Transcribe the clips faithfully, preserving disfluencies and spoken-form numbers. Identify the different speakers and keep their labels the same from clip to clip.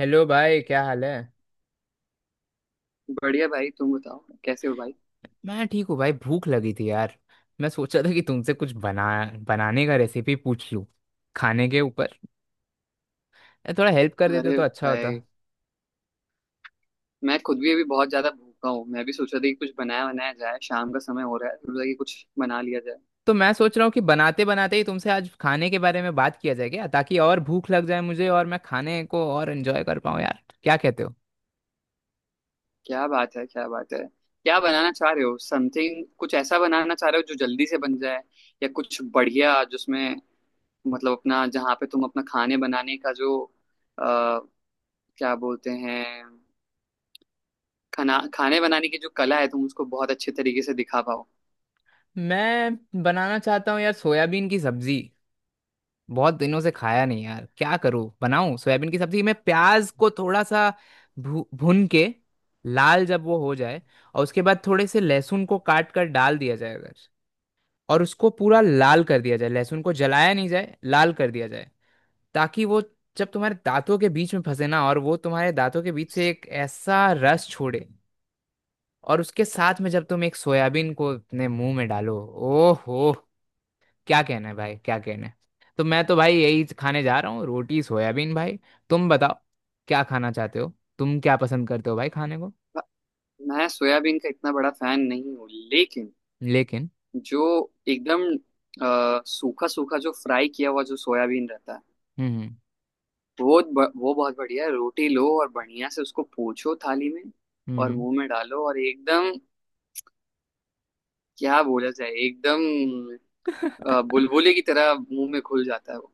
Speaker 1: Hello भाई, क्या हाल है।
Speaker 2: बढ़िया भाई। तुम बताओ, कैसे हो भाई?
Speaker 1: मैं ठीक हूँ भाई, भूख लगी थी यार। मैं सोचा था कि तुमसे कुछ बना बनाने का रेसिपी पूछ लूँ खाने के ऊपर। ए, थोड़ा हेल्प कर देते
Speaker 2: अरे
Speaker 1: तो अच्छा होता।
Speaker 2: भाई, मैं खुद भी अभी बहुत ज्यादा भूखा हूँ। मैं भी सोच रहा था कि कुछ बनाया बनाया जाए। शाम का समय हो रहा है, सोच रहा कि कुछ बना लिया जाए।
Speaker 1: तो मैं सोच रहा हूँ कि बनाते बनाते ही तुमसे आज खाने के बारे में बात किया जाए क्या, ताकि और भूख लग जाए मुझे और मैं खाने को और एंजॉय कर पाऊँ यार, क्या कहते हो।
Speaker 2: क्या बात है, क्या बात है। क्या बनाना चाह रहे हो? समथिंग कुछ ऐसा बनाना चाह रहे हो जो जल्दी से बन जाए, या कुछ बढ़िया जिसमें मतलब अपना, जहाँ पे तुम अपना खाने बनाने का जो अ, क्या बोलते हैं, खाना खाने बनाने की जो कला है तुम उसको बहुत अच्छे तरीके से दिखा पाओ।
Speaker 1: मैं बनाना चाहता हूँ यार सोयाबीन की सब्जी। बहुत दिनों से खाया नहीं यार, क्या करूँ, बनाऊं सोयाबीन की सब्जी। मैं प्याज को थोड़ा सा भू, भून के लाल जब वो हो जाए, और उसके बाद थोड़े से लहसुन को काट कर डाल दिया जाए, अगर, और उसको पूरा लाल कर दिया जाए, लहसुन को जलाया नहीं जाए, लाल कर दिया जाए, ताकि वो जब तुम्हारे दांतों के बीच में फंसे ना, और वो तुम्हारे दांतों के बीच से एक ऐसा रस छोड़े, और उसके साथ में जब तुम एक सोयाबीन को अपने मुंह में डालो, ओहो, क्या कहना है भाई, क्या कहना है। तो मैं तो भाई यही खाने जा रहा हूँ, रोटी सोयाबीन भाई। तुम बताओ, क्या खाना चाहते हो, तुम क्या पसंद करते हो भाई खाने को।
Speaker 2: मैं सोयाबीन का इतना बड़ा फैन नहीं हूँ, लेकिन
Speaker 1: लेकिन।
Speaker 2: जो एकदम अ, सूखा सूखा जो फ्राई किया हुआ जो सोयाबीन रहता है,
Speaker 1: हम्म हम्म।
Speaker 2: वो ब- वो बहुत बढ़िया है। रोटी लो और बढ़िया से उसको पोंछो थाली में,
Speaker 1: हम्म।
Speaker 2: और
Speaker 1: हम्म।
Speaker 2: मुंह में डालो, और एकदम क्या बोला जाए, एकदम अ, बुलबुले की तरह मुंह में घुल जाता है वो।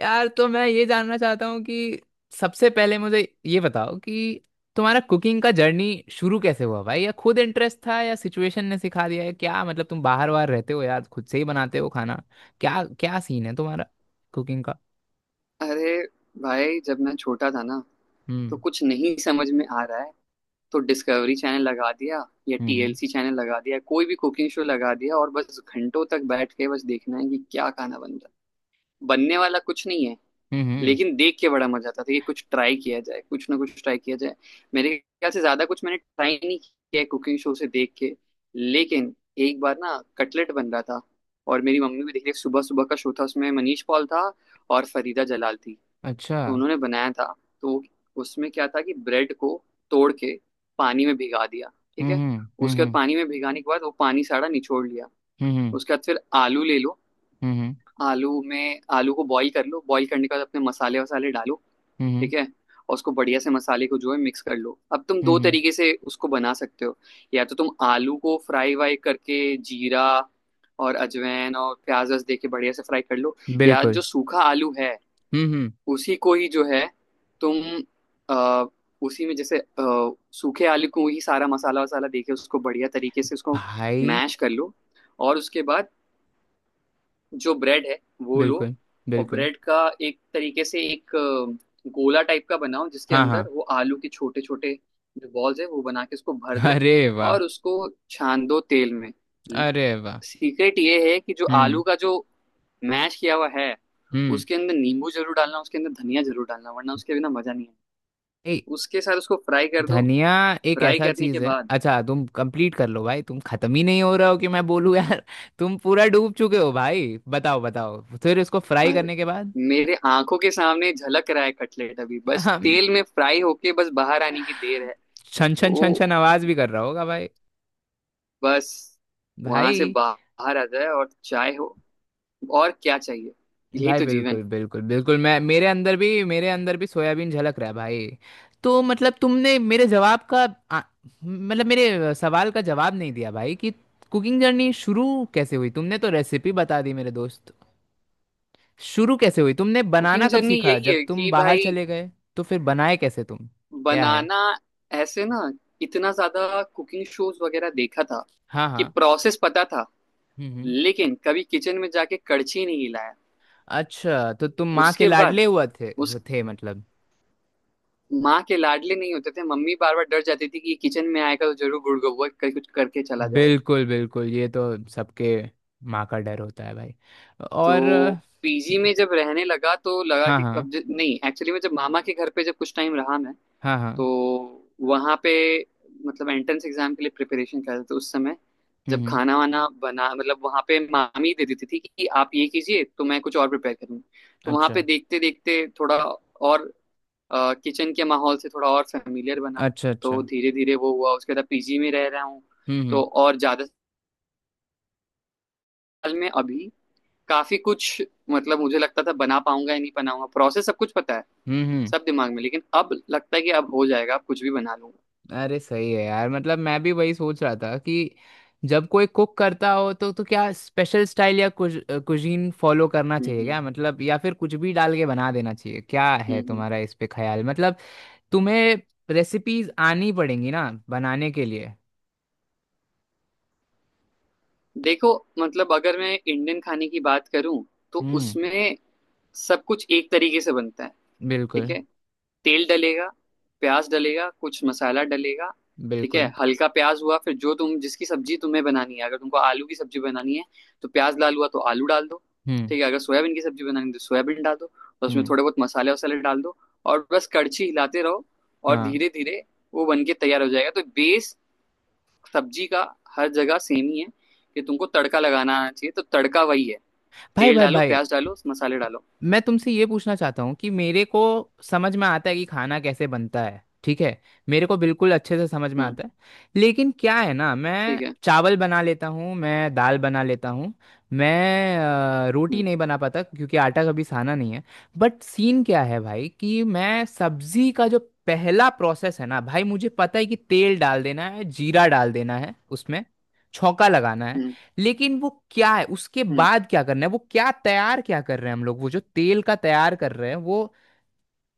Speaker 1: यार, तो मैं ये जानना चाहता हूँ कि सबसे पहले मुझे ये बताओ कि तुम्हारा कुकिंग का जर्नी शुरू कैसे हुआ भाई, या खुद इंटरेस्ट था या सिचुएशन ने सिखा दिया है, क्या मतलब, तुम बाहर बाहर रहते हो यार, खुद से ही बनाते हो खाना। क्या क्या सीन है तुम्हारा कुकिंग का।
Speaker 2: अरे भाई, जब मैं छोटा था ना तो
Speaker 1: हम्म
Speaker 2: कुछ नहीं समझ में आ रहा है, तो डिस्कवरी चैनल लगा दिया या
Speaker 1: हम्म। हम्म
Speaker 2: टीएलसी चैनल लगा दिया, कोई भी कुकिंग शो लगा दिया, और बस घंटों तक बैठ के बस देखना है कि क्या खाना बन रहा है, बनने वाला कुछ नहीं है।
Speaker 1: हम्म। हम्म,
Speaker 2: लेकिन देख के बड़ा मजा आता था कि कुछ ट्राई किया जाए, कुछ ना कुछ ट्राई किया जाए। मेरे ख्याल से ज्यादा कुछ मैंने ट्राई नहीं किया कुकिंग शो से देख के। लेकिन एक बार ना कटलेट बन रहा था, और मेरी मम्मी भी देख रही। सुबह सुबह का शो था, उसमें मनीष पॉल था और फरीदा जलाल थी।
Speaker 1: अच्छा।
Speaker 2: तो उन्होंने बनाया था। तो उसमें क्या था कि ब्रेड को तोड़ के पानी में भिगा दिया। ठीक है।
Speaker 1: हम्म हम्म।
Speaker 2: उसके बाद
Speaker 1: हम्म
Speaker 2: पानी में भिगाने के बाद वो पानी सारा निचोड़ लिया।
Speaker 1: हम्म।
Speaker 2: उसके बाद फिर आलू ले लो।
Speaker 1: हम्म हम्म।
Speaker 2: आलू में, आलू को बॉईल कर लो। बॉईल करने के बाद अपने मसाले वसाले डालो।
Speaker 1: हम्म, हम्म,
Speaker 2: ठीक है। और उसको बढ़िया से मसाले को जो है मिक्स कर लो। अब तुम
Speaker 1: हम्म,
Speaker 2: दो
Speaker 1: हम्म।
Speaker 2: तरीके से उसको बना सकते हो। या तो तुम आलू को फ्राई वाई करके जीरा और अजवाइन और प्याज वस दे के बढ़िया से फ्राई कर लो। या
Speaker 1: बिल्कुल।
Speaker 2: जो सूखा आलू है,
Speaker 1: हम्म हम्म।
Speaker 2: उसी को ही जो है तुम आ, उसी में जैसे अ, सूखे आलू को ही सारा मसाला वसाला दे के उसको बढ़िया तरीके से उसको
Speaker 1: भाई।
Speaker 2: मैश कर लो। और उसके बाद जो ब्रेड है वो लो।
Speaker 1: बिल्कुल
Speaker 2: और
Speaker 1: बिल्कुल।
Speaker 2: ब्रेड का एक तरीके से एक अ, गोला टाइप का बनाओ, जिसके
Speaker 1: हाँ हाँ।
Speaker 2: अंदर वो आलू के छोटे छोटे जो बॉल्स है वो बना के उसको भर दो।
Speaker 1: अरे वाह।
Speaker 2: और उसको छान दो तेल में।
Speaker 1: अरे वाह।
Speaker 2: सीक्रेट ये है कि जो
Speaker 1: हम्म
Speaker 2: आलू का जो मैश किया हुआ है,
Speaker 1: हम्म।
Speaker 2: उसके अंदर नींबू जरूर डालना, उसके अंदर धनिया जरूर डालना, वरना उसके बिना मजा नहीं है।
Speaker 1: ए
Speaker 2: उसके साथ उसको फ्राई कर दो।
Speaker 1: धनिया एक
Speaker 2: फ्राई
Speaker 1: ऐसा
Speaker 2: करने के
Speaker 1: चीज है।
Speaker 2: बाद,
Speaker 1: अच्छा, तुम कंप्लीट कर लो भाई, तुम खत्म ही नहीं हो रहे हो कि मैं बोलूँ यार। तुम पूरा डूब चुके हो भाई, बताओ बताओ फिर, इसको फ्राई
Speaker 2: और
Speaker 1: करने के बाद।
Speaker 2: मेरे आंखों के सामने झलक रहा है कटलेट, अभी बस
Speaker 1: हम
Speaker 2: तेल में फ्राई होके बस बाहर आने की देर है।
Speaker 1: छन छन छन
Speaker 2: तो
Speaker 1: छन आवाज भी कर रहा होगा भाई।
Speaker 2: बस वहां से
Speaker 1: भाई
Speaker 2: बाहर आ जाए और चाय हो, और क्या चाहिए? यही
Speaker 1: भाई।
Speaker 2: तो जीवन
Speaker 1: बिल्कुल
Speaker 2: है।
Speaker 1: बिल्कुल बिल्कुल। मैं मेरे अंदर भी, मेरे अंदर भी सोयाबीन झलक रहा है भाई। तो मतलब तुमने मेरे जवाब का, आ, मतलब मेरे सवाल का जवाब नहीं दिया भाई, कि कुकिंग जर्नी शुरू कैसे हुई, तुमने तो रेसिपी बता दी मेरे दोस्त। शुरू कैसे हुई, तुमने बनाना
Speaker 2: कुकिंग
Speaker 1: कब
Speaker 2: जर्नी
Speaker 1: सीखा,
Speaker 2: यही है
Speaker 1: जब तुम
Speaker 2: कि
Speaker 1: बाहर
Speaker 2: भाई,
Speaker 1: चले गए तो फिर बनाए कैसे तुम, क्या है।
Speaker 2: बनाना, ऐसे ना इतना ज्यादा कुकिंग शोज वगैरह देखा था
Speaker 1: हाँ
Speaker 2: कि
Speaker 1: हाँ।
Speaker 2: प्रोसेस पता था।
Speaker 1: हम्म हम्म।
Speaker 2: लेकिन कभी किचन में जाके कड़छी नहीं हिलाया।
Speaker 1: अच्छा, तो तुम माँ के
Speaker 2: उसके बाद
Speaker 1: लाडले हुआ थे
Speaker 2: उस,
Speaker 1: हो थे मतलब।
Speaker 2: माँ के लाडले नहीं होते थे, मम्मी बार बार डर जाती थी कि ये किचन में आएगा तो जरूर गुड़गुड़ करके कुछ करके चला जाएगा।
Speaker 1: बिल्कुल बिल्कुल, ये तो सबके माँ का डर होता है भाई। और अ,
Speaker 2: तो पीजी में जब रहने लगा तो लगा
Speaker 1: हाँ
Speaker 2: कि
Speaker 1: हाँ।
Speaker 2: अब ज- नहीं, एक्चुअली में जब मामा के घर पे जब कुछ टाइम रहा मैं,
Speaker 1: हाँ हाँ।
Speaker 2: तो वहाँ पे मतलब एंट्रेंस एग्जाम के लिए प्रिपरेशन कर रहे थे उस समय।
Speaker 1: हम्म
Speaker 2: जब
Speaker 1: हम्म,
Speaker 2: खाना वाना बना, मतलब वहाँ पे मामी दे देती थी कि आप ये कीजिए तो मैं कुछ और प्रिपेयर करूँगी। तो वहाँ पे
Speaker 1: अच्छा
Speaker 2: देखते देखते थोड़ा और किचन के माहौल से थोड़ा और फेमिलियर बना।
Speaker 1: अच्छा। अच्छा।
Speaker 2: तो धीरे धीरे वो हुआ। उसके बाद पीजी में रह रहा हूँ
Speaker 1: हम्म हम्म।
Speaker 2: तो और ज्यादा साल में अभी काफी कुछ, मतलब मुझे लगता था बना पाऊंगा या नहीं बनाऊंगा, प्रोसेस सब कुछ पता है,
Speaker 1: हम्म हम्म,
Speaker 2: सब दिमाग में। लेकिन अब लगता है कि अब हो जाएगा, अब कुछ भी बना लूंगा।
Speaker 1: अरे सही है यार, मतलब मैं भी वही सोच रहा था कि जब कोई कुक करता हो तो तो क्या स्पेशल स्टाइल या कुज, कुजीन फॉलो करना
Speaker 2: हम्म,
Speaker 1: चाहिए
Speaker 2: हम्म,
Speaker 1: क्या मतलब, या फिर कुछ भी डाल के बना देना चाहिए, क्या
Speaker 2: हम्म,
Speaker 1: है
Speaker 2: हम्म।
Speaker 1: तुम्हारा इस पे ख्याल मतलब। तुम्हें रेसिपीज आनी पड़ेंगी ना बनाने के लिए।
Speaker 2: देखो, मतलब अगर मैं इंडियन खाने की बात करूं तो
Speaker 1: हम्म।
Speaker 2: उसमें सब कुछ एक तरीके से बनता है। ठीक
Speaker 1: बिल्कुल।
Speaker 2: है। तेल डलेगा, प्याज डलेगा, कुछ मसाला डलेगा। ठीक है,
Speaker 1: बिल्कुल।
Speaker 2: हल्का प्याज हुआ, फिर जो तुम, जिसकी सब्जी तुम्हें बनानी है, अगर तुमको आलू की सब्जी बनानी है तो प्याज लाल हुआ तो आलू डाल दो।
Speaker 1: हम्म
Speaker 2: ठीक है, अगर सोयाबीन की सब्जी बनानी है तो सोयाबीन डाल दो, और उसमें
Speaker 1: हम्म।
Speaker 2: थोड़े बहुत मसाले वसाले डाल दो, और बस कड़छी हिलाते रहो, और
Speaker 1: हाँ।
Speaker 2: धीरे धीरे वो बन के तैयार हो जाएगा। तो बेस सब्जी का हर जगह सेम ही है, कि तुमको तड़का लगाना आना चाहिए। तो तड़का वही है,
Speaker 1: भाई
Speaker 2: तेल
Speaker 1: भाई
Speaker 2: डालो,
Speaker 1: भाई,
Speaker 2: प्याज डालो, मसाले डालो।
Speaker 1: मैं तुमसे ये पूछना चाहता हूँ कि मेरे को समझ में आता है कि खाना कैसे बनता है, ठीक है, मेरे को बिल्कुल अच्छे से समझ में
Speaker 2: हम्म।
Speaker 1: आता है। लेकिन क्या है ना,
Speaker 2: ठीक
Speaker 1: मैं
Speaker 2: है।
Speaker 1: चावल बना लेता हूँ, मैं दाल बना लेता हूँ, मैं अ, रोटी
Speaker 2: हम्म,
Speaker 1: नहीं बना पाता क्योंकि आटा कभी साना नहीं है। बट सीन क्या है भाई, कि मैं सब्जी का जो पहला प्रोसेस है ना भाई, मुझे पता है कि तेल डाल देना है, जीरा डाल देना है, उसमें छौंका लगाना है।
Speaker 2: हम्म,
Speaker 1: लेकिन वो क्या है, उसके
Speaker 2: हम्म।
Speaker 1: बाद क्या करना है, वो क्या तैयार क्या कर रहे हैं हम लोग, वो जो तेल का तैयार कर रहे हैं, वो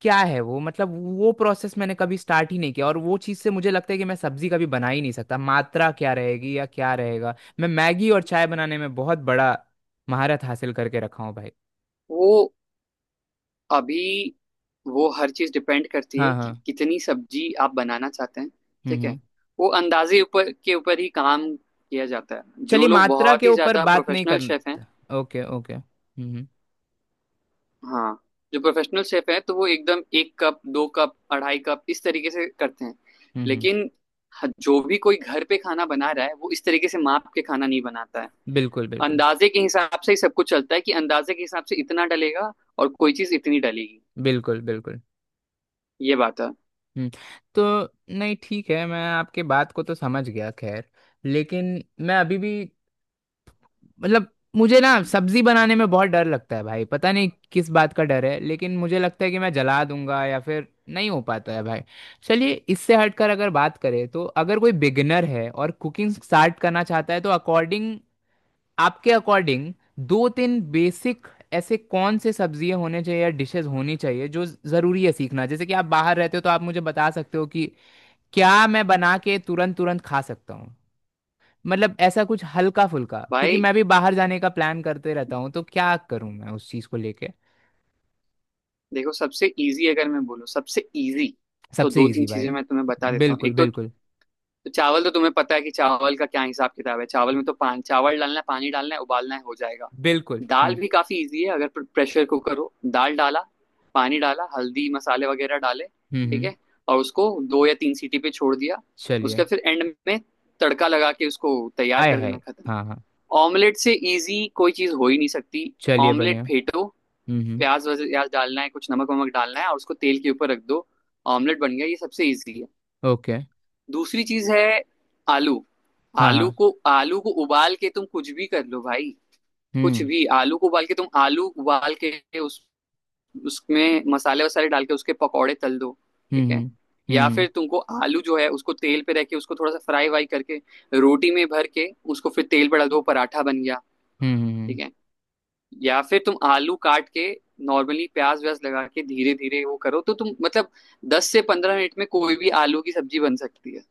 Speaker 1: क्या है वो मतलब। वो प्रोसेस मैंने कभी स्टार्ट ही नहीं किया और वो चीज़ से मुझे लगता है कि मैं सब्जी कभी बना ही नहीं सकता। मात्रा क्या रहेगी या क्या रहेगा। मैं मैगी और चाय बनाने में बहुत बड़ा महारत हासिल करके रखा हूँ भाई।
Speaker 2: वो अभी, वो हर चीज डिपेंड करती है
Speaker 1: हाँ
Speaker 2: कि
Speaker 1: हाँ।
Speaker 2: कितनी सब्जी आप बनाना चाहते हैं।
Speaker 1: हम्म
Speaker 2: ठीक
Speaker 1: हम्म।
Speaker 2: है, वो अंदाजे ऊपर के ऊपर ही काम किया जाता है। जो
Speaker 1: चलिए,
Speaker 2: लोग
Speaker 1: मात्रा
Speaker 2: बहुत
Speaker 1: के
Speaker 2: ही
Speaker 1: ऊपर
Speaker 2: ज्यादा
Speaker 1: बात नहीं
Speaker 2: प्रोफेशनल शेफ हैं,
Speaker 1: करना। Okay okay. हम्म हम्म।
Speaker 2: हाँ, जो प्रोफेशनल शेफ हैं, तो वो एकदम एक कप, दो कप, अढ़ाई कप, इस तरीके से करते हैं।
Speaker 1: हम्म हम्म।
Speaker 2: लेकिन ह- जो भी कोई घर पे खाना बना रहा है वो इस तरीके से माप के खाना नहीं बनाता है।
Speaker 1: बिल्कुल बिल्कुल।
Speaker 2: अंदाजे के हिसाब से ही सब कुछ चलता है, कि अंदाजे के हिसाब से इतना डलेगा और कोई चीज इतनी डलेगी।
Speaker 1: बिल्कुल बिल्कुल।
Speaker 2: ये बात है
Speaker 1: हम्म, तो नहीं ठीक है, मैं आपके बात को तो समझ गया खैर, लेकिन मैं अभी भी मतलब मुझे ना सब्जी बनाने में बहुत डर लगता है भाई, पता नहीं किस बात का डर है, लेकिन मुझे लगता है कि मैं जला दूंगा या फिर नहीं हो पाता है भाई। चलिए इससे हटकर अगर बात करें, तो अगर कोई बिगिनर है और कुकिंग स्टार्ट करना चाहता है तो अकॉर्डिंग, आपके अकॉर्डिंग, दो तीन बेसिक ऐसे कौन से सब्जियां होने चाहिए या डिशेस होनी चाहिए जो ज़रूरी है सीखना, जैसे कि आप बाहर रहते हो तो आप मुझे बता सकते हो कि क्या मैं बना के तुरंत तुरंत खा सकता हूँ, मतलब ऐसा कुछ हल्का फुल्का, क्योंकि
Speaker 2: भाई।
Speaker 1: मैं भी बाहर जाने का प्लान करते रहता हूँ, तो क्या करूँ मैं उस चीज़ को लेके।
Speaker 2: देखो, सबसे इजी अगर मैं बोलूँ, सबसे इजी तो
Speaker 1: सबसे
Speaker 2: दो तीन
Speaker 1: इजी
Speaker 2: चीजें
Speaker 1: भाई।
Speaker 2: मैं तुम्हें बता देता हूँ।
Speaker 1: बिल्कुल
Speaker 2: एक तो
Speaker 1: बिल्कुल
Speaker 2: तो चावल, तो तुम्हें पता है कि चावल का क्या हिसाब किताब है। चावल में तो पान, चावल डालना है, पानी डालना है, उबालना है, हो जाएगा।
Speaker 1: बिल्कुल।
Speaker 2: दाल
Speaker 1: हम्म
Speaker 2: भी काफी इजी है। अगर प्रेशर कुकर हो, दाल डाला, पानी डाला, हल्दी मसाले वगैरह डाले,
Speaker 1: हम्म।
Speaker 2: ठीक
Speaker 1: हम्म।
Speaker 2: है, और उसको दो या तीन सीटी पे छोड़ दिया,
Speaker 1: चलिए।
Speaker 2: उसके फिर एंड में तड़का लगा के उसको तैयार
Speaker 1: आए
Speaker 2: कर
Speaker 1: है।
Speaker 2: देना, खत्म।
Speaker 1: हाँ हाँ।
Speaker 2: ऑमलेट से इजी कोई चीज हो ही नहीं सकती।
Speaker 1: चलिए
Speaker 2: ऑमलेट
Speaker 1: बढ़िया।
Speaker 2: फेंटो,
Speaker 1: हम्म हम्म।
Speaker 2: प्याज वज- प्याज डालना है, कुछ नमक वमक डालना है, और उसको तेल के ऊपर रख दो। ऑमलेट बन गया। ये सबसे इजी है।
Speaker 1: ओके।
Speaker 2: दूसरी चीज है आलू।
Speaker 1: हाँ
Speaker 2: आलू
Speaker 1: हाँ।
Speaker 2: को आलू को उबाल के तुम कुछ भी कर लो भाई। कुछ
Speaker 1: हम्म
Speaker 2: भी, आलू को उबाल के तुम, आलू उबाल के उस, उसमें मसाले वसाले डाल के उसके पकौड़े तल दो। ठीक है।
Speaker 1: हम्म। हम्म
Speaker 2: या
Speaker 1: हम्म।
Speaker 2: फिर तुमको आलू जो है उसको तेल पे रख के उसको थोड़ा सा फ्राई वाई करके रोटी में भर के उसको फिर तेल पे डाल दो, पराठा बन गया।
Speaker 1: हम्म हम्म, हम्म।
Speaker 2: ठीक है। या फिर तुम आलू काट के नॉर्मली प्याज व्याज लगा के धीरे धीरे वो करो तो तुम, मतलब दस से पंद्रह मिनट में कोई भी आलू की सब्जी बन सकती है।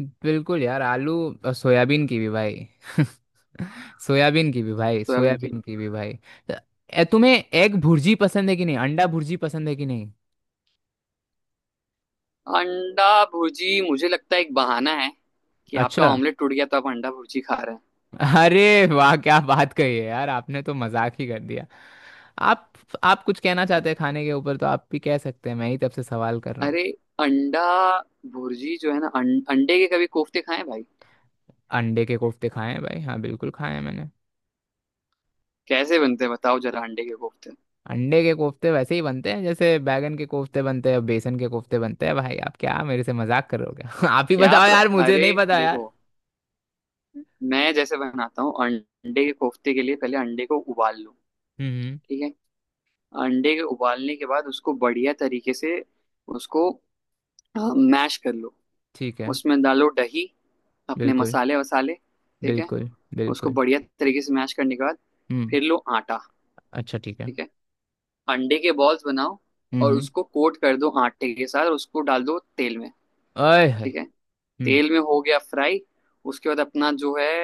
Speaker 1: बिल्कुल यार आलू और सोयाबीन की भी भाई। सोयाबीन की भी भाई,
Speaker 2: सोयाबीन की
Speaker 1: सोयाबीन
Speaker 2: भी।
Speaker 1: की भी भाई। त- ए, तुम्हें एग भुर्जी पसंद है कि नहीं, अंडा भुर्जी पसंद है कि नहीं।
Speaker 2: अंडा भुर्जी मुझे लगता है एक बहाना है, कि आपका
Speaker 1: अच्छा,
Speaker 2: ऑमलेट टूट गया तो आप अंडा भुर्जी खा रहे हैं।
Speaker 1: अरे वाह, क्या बात कही है यार, आपने तो मजाक ही कर दिया। आप आप कुछ कहना चाहते हैं खाने के ऊपर तो आप भी कह सकते हैं, मैं ही तब से सवाल कर रहा हूँ।
Speaker 2: अरे, अंडा भुर्जी जो है ना, अं, अंडे के कभी कोफ्ते खाए भाई?
Speaker 1: अंडे के कोफ्ते खाए हैं भाई, हाँ बिल्कुल खाए हैं मैंने।
Speaker 2: कैसे बनते हैं, बताओ जरा अंडे के कोफ्ते।
Speaker 1: अंडे के कोफ्ते वैसे ही बनते हैं जैसे बैगन के कोफ्ते बनते हैं, बेसन के कोफ्ते बनते हैं भाई, आप क्या मेरे से मजाक कर रहे हो क्या। आप ही
Speaker 2: क्या आप,
Speaker 1: बताओ यार, मुझे
Speaker 2: अरे
Speaker 1: नहीं पता यार।
Speaker 2: देखो, मैं जैसे बनाता हूँ अंडे के कोफ्ते के लिए, पहले अंडे को उबाल लो।
Speaker 1: हम्म हम्म।
Speaker 2: ठीक है। अंडे के उबालने के बाद उसको बढ़िया तरीके से उसको मैश कर लो।
Speaker 1: ठीक है।
Speaker 2: उसमें डालो दही, अपने
Speaker 1: बिल्कुल
Speaker 2: मसाले वसाले। ठीक है।
Speaker 1: बिल्कुल।
Speaker 2: उसको
Speaker 1: बिल्कुल।
Speaker 2: बढ़िया तरीके से मैश करने के बाद
Speaker 1: हम्म।
Speaker 2: फिर लो आटा।
Speaker 1: अच्छा, ठीक है।
Speaker 2: ठीक है। अंडे के बॉल्स बनाओ
Speaker 1: हम्म
Speaker 2: और
Speaker 1: हम्म।
Speaker 2: उसको कोट कर दो आटे के साथ, और उसको डाल दो तेल में।
Speaker 1: आय है।
Speaker 2: ठीक है।
Speaker 1: हम्म।
Speaker 2: तेल में हो गया फ्राई। उसके बाद अपना जो है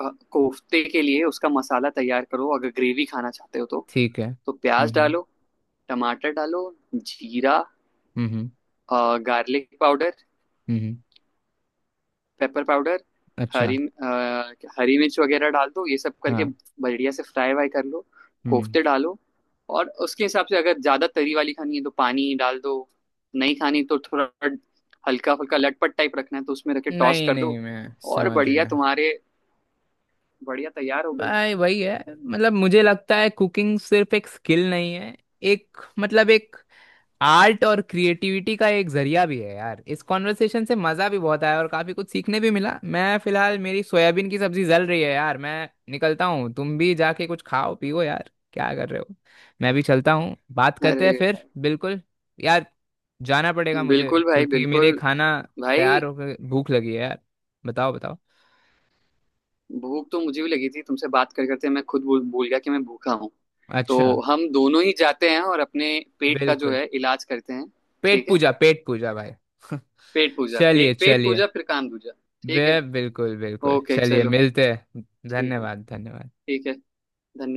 Speaker 2: अ, कोफ्ते के लिए उसका मसाला तैयार करो, अगर ग्रेवी खाना चाहते हो तो।
Speaker 1: ठीक है।
Speaker 2: तो
Speaker 1: हम्म
Speaker 2: प्याज
Speaker 1: हम्म।
Speaker 2: डालो, टमाटर डालो, जीरा,
Speaker 1: हम्म
Speaker 2: गार्लिक पाउडर,
Speaker 1: हम्म। हम्म,
Speaker 2: पेपर पाउडर, हरी
Speaker 1: अच्छा।
Speaker 2: अ, हरी मिर्च वगैरह डाल दो। ये सब करके
Speaker 1: हाँ।
Speaker 2: बढ़िया से फ्राई वाई कर लो,
Speaker 1: हम्म।
Speaker 2: कोफ्ते डालो, और उसके हिसाब से अगर ज़्यादा तरी वाली खानी है तो पानी डाल दो। नहीं खानी तो थोड़ा हल्का हल्का लटपट टाइप रखना है तो उसमें रख के टॉस
Speaker 1: नहीं
Speaker 2: कर
Speaker 1: नहीं,
Speaker 2: दो,
Speaker 1: मैं
Speaker 2: और
Speaker 1: समझ
Speaker 2: बढ़िया
Speaker 1: गया।
Speaker 2: तुम्हारे, बढ़िया तैयार हो गई।
Speaker 1: भाई वही है, मतलब मुझे लगता है कुकिंग सिर्फ एक स्किल नहीं है, एक मतलब एक आर्ट और क्रिएटिविटी का एक जरिया भी है यार। इस कॉन्वर्सेशन से मज़ा भी बहुत आया और काफ़ी कुछ सीखने भी मिला। मैं फिलहाल मेरी सोयाबीन की सब्जी जल रही है यार, मैं निकलता हूँ, तुम भी जाके कुछ खाओ पियो यार, क्या कर रहे हो। मैं भी चलता हूँ, बात करते
Speaker 2: अरे
Speaker 1: हैं फिर,
Speaker 2: भाई,
Speaker 1: बिल्कुल। यार जाना पड़ेगा मुझे
Speaker 2: बिल्कुल भाई,
Speaker 1: क्योंकि मेरे
Speaker 2: बिल्कुल
Speaker 1: खाना
Speaker 2: भाई।
Speaker 1: तैयार होकर भूख लगी है यार। बताओ बताओ।
Speaker 2: भूख तो मुझे भी लगी थी, तुमसे बात कर करते मैं खुद भूल भूल गया कि मैं भूखा हूँ। तो
Speaker 1: अच्छा।
Speaker 2: हम दोनों ही जाते हैं और अपने पेट का जो
Speaker 1: बिल्कुल।
Speaker 2: है इलाज करते हैं।
Speaker 1: पेट
Speaker 2: ठीक है।
Speaker 1: पूजा, पेट पूजा भाई।
Speaker 2: पेट पूजा, पे,
Speaker 1: चलिए
Speaker 2: पेट
Speaker 1: चलिए।
Speaker 2: पूजा फिर काम दूजा।
Speaker 1: बे
Speaker 2: ठीक है।
Speaker 1: बिल्कुल बिल्कुल,
Speaker 2: ओके
Speaker 1: चलिए
Speaker 2: चलो।
Speaker 1: मिलते हैं।
Speaker 2: ठीक है।
Speaker 1: धन्यवाद धन्यवाद।
Speaker 2: ठीक है। धन्यवाद।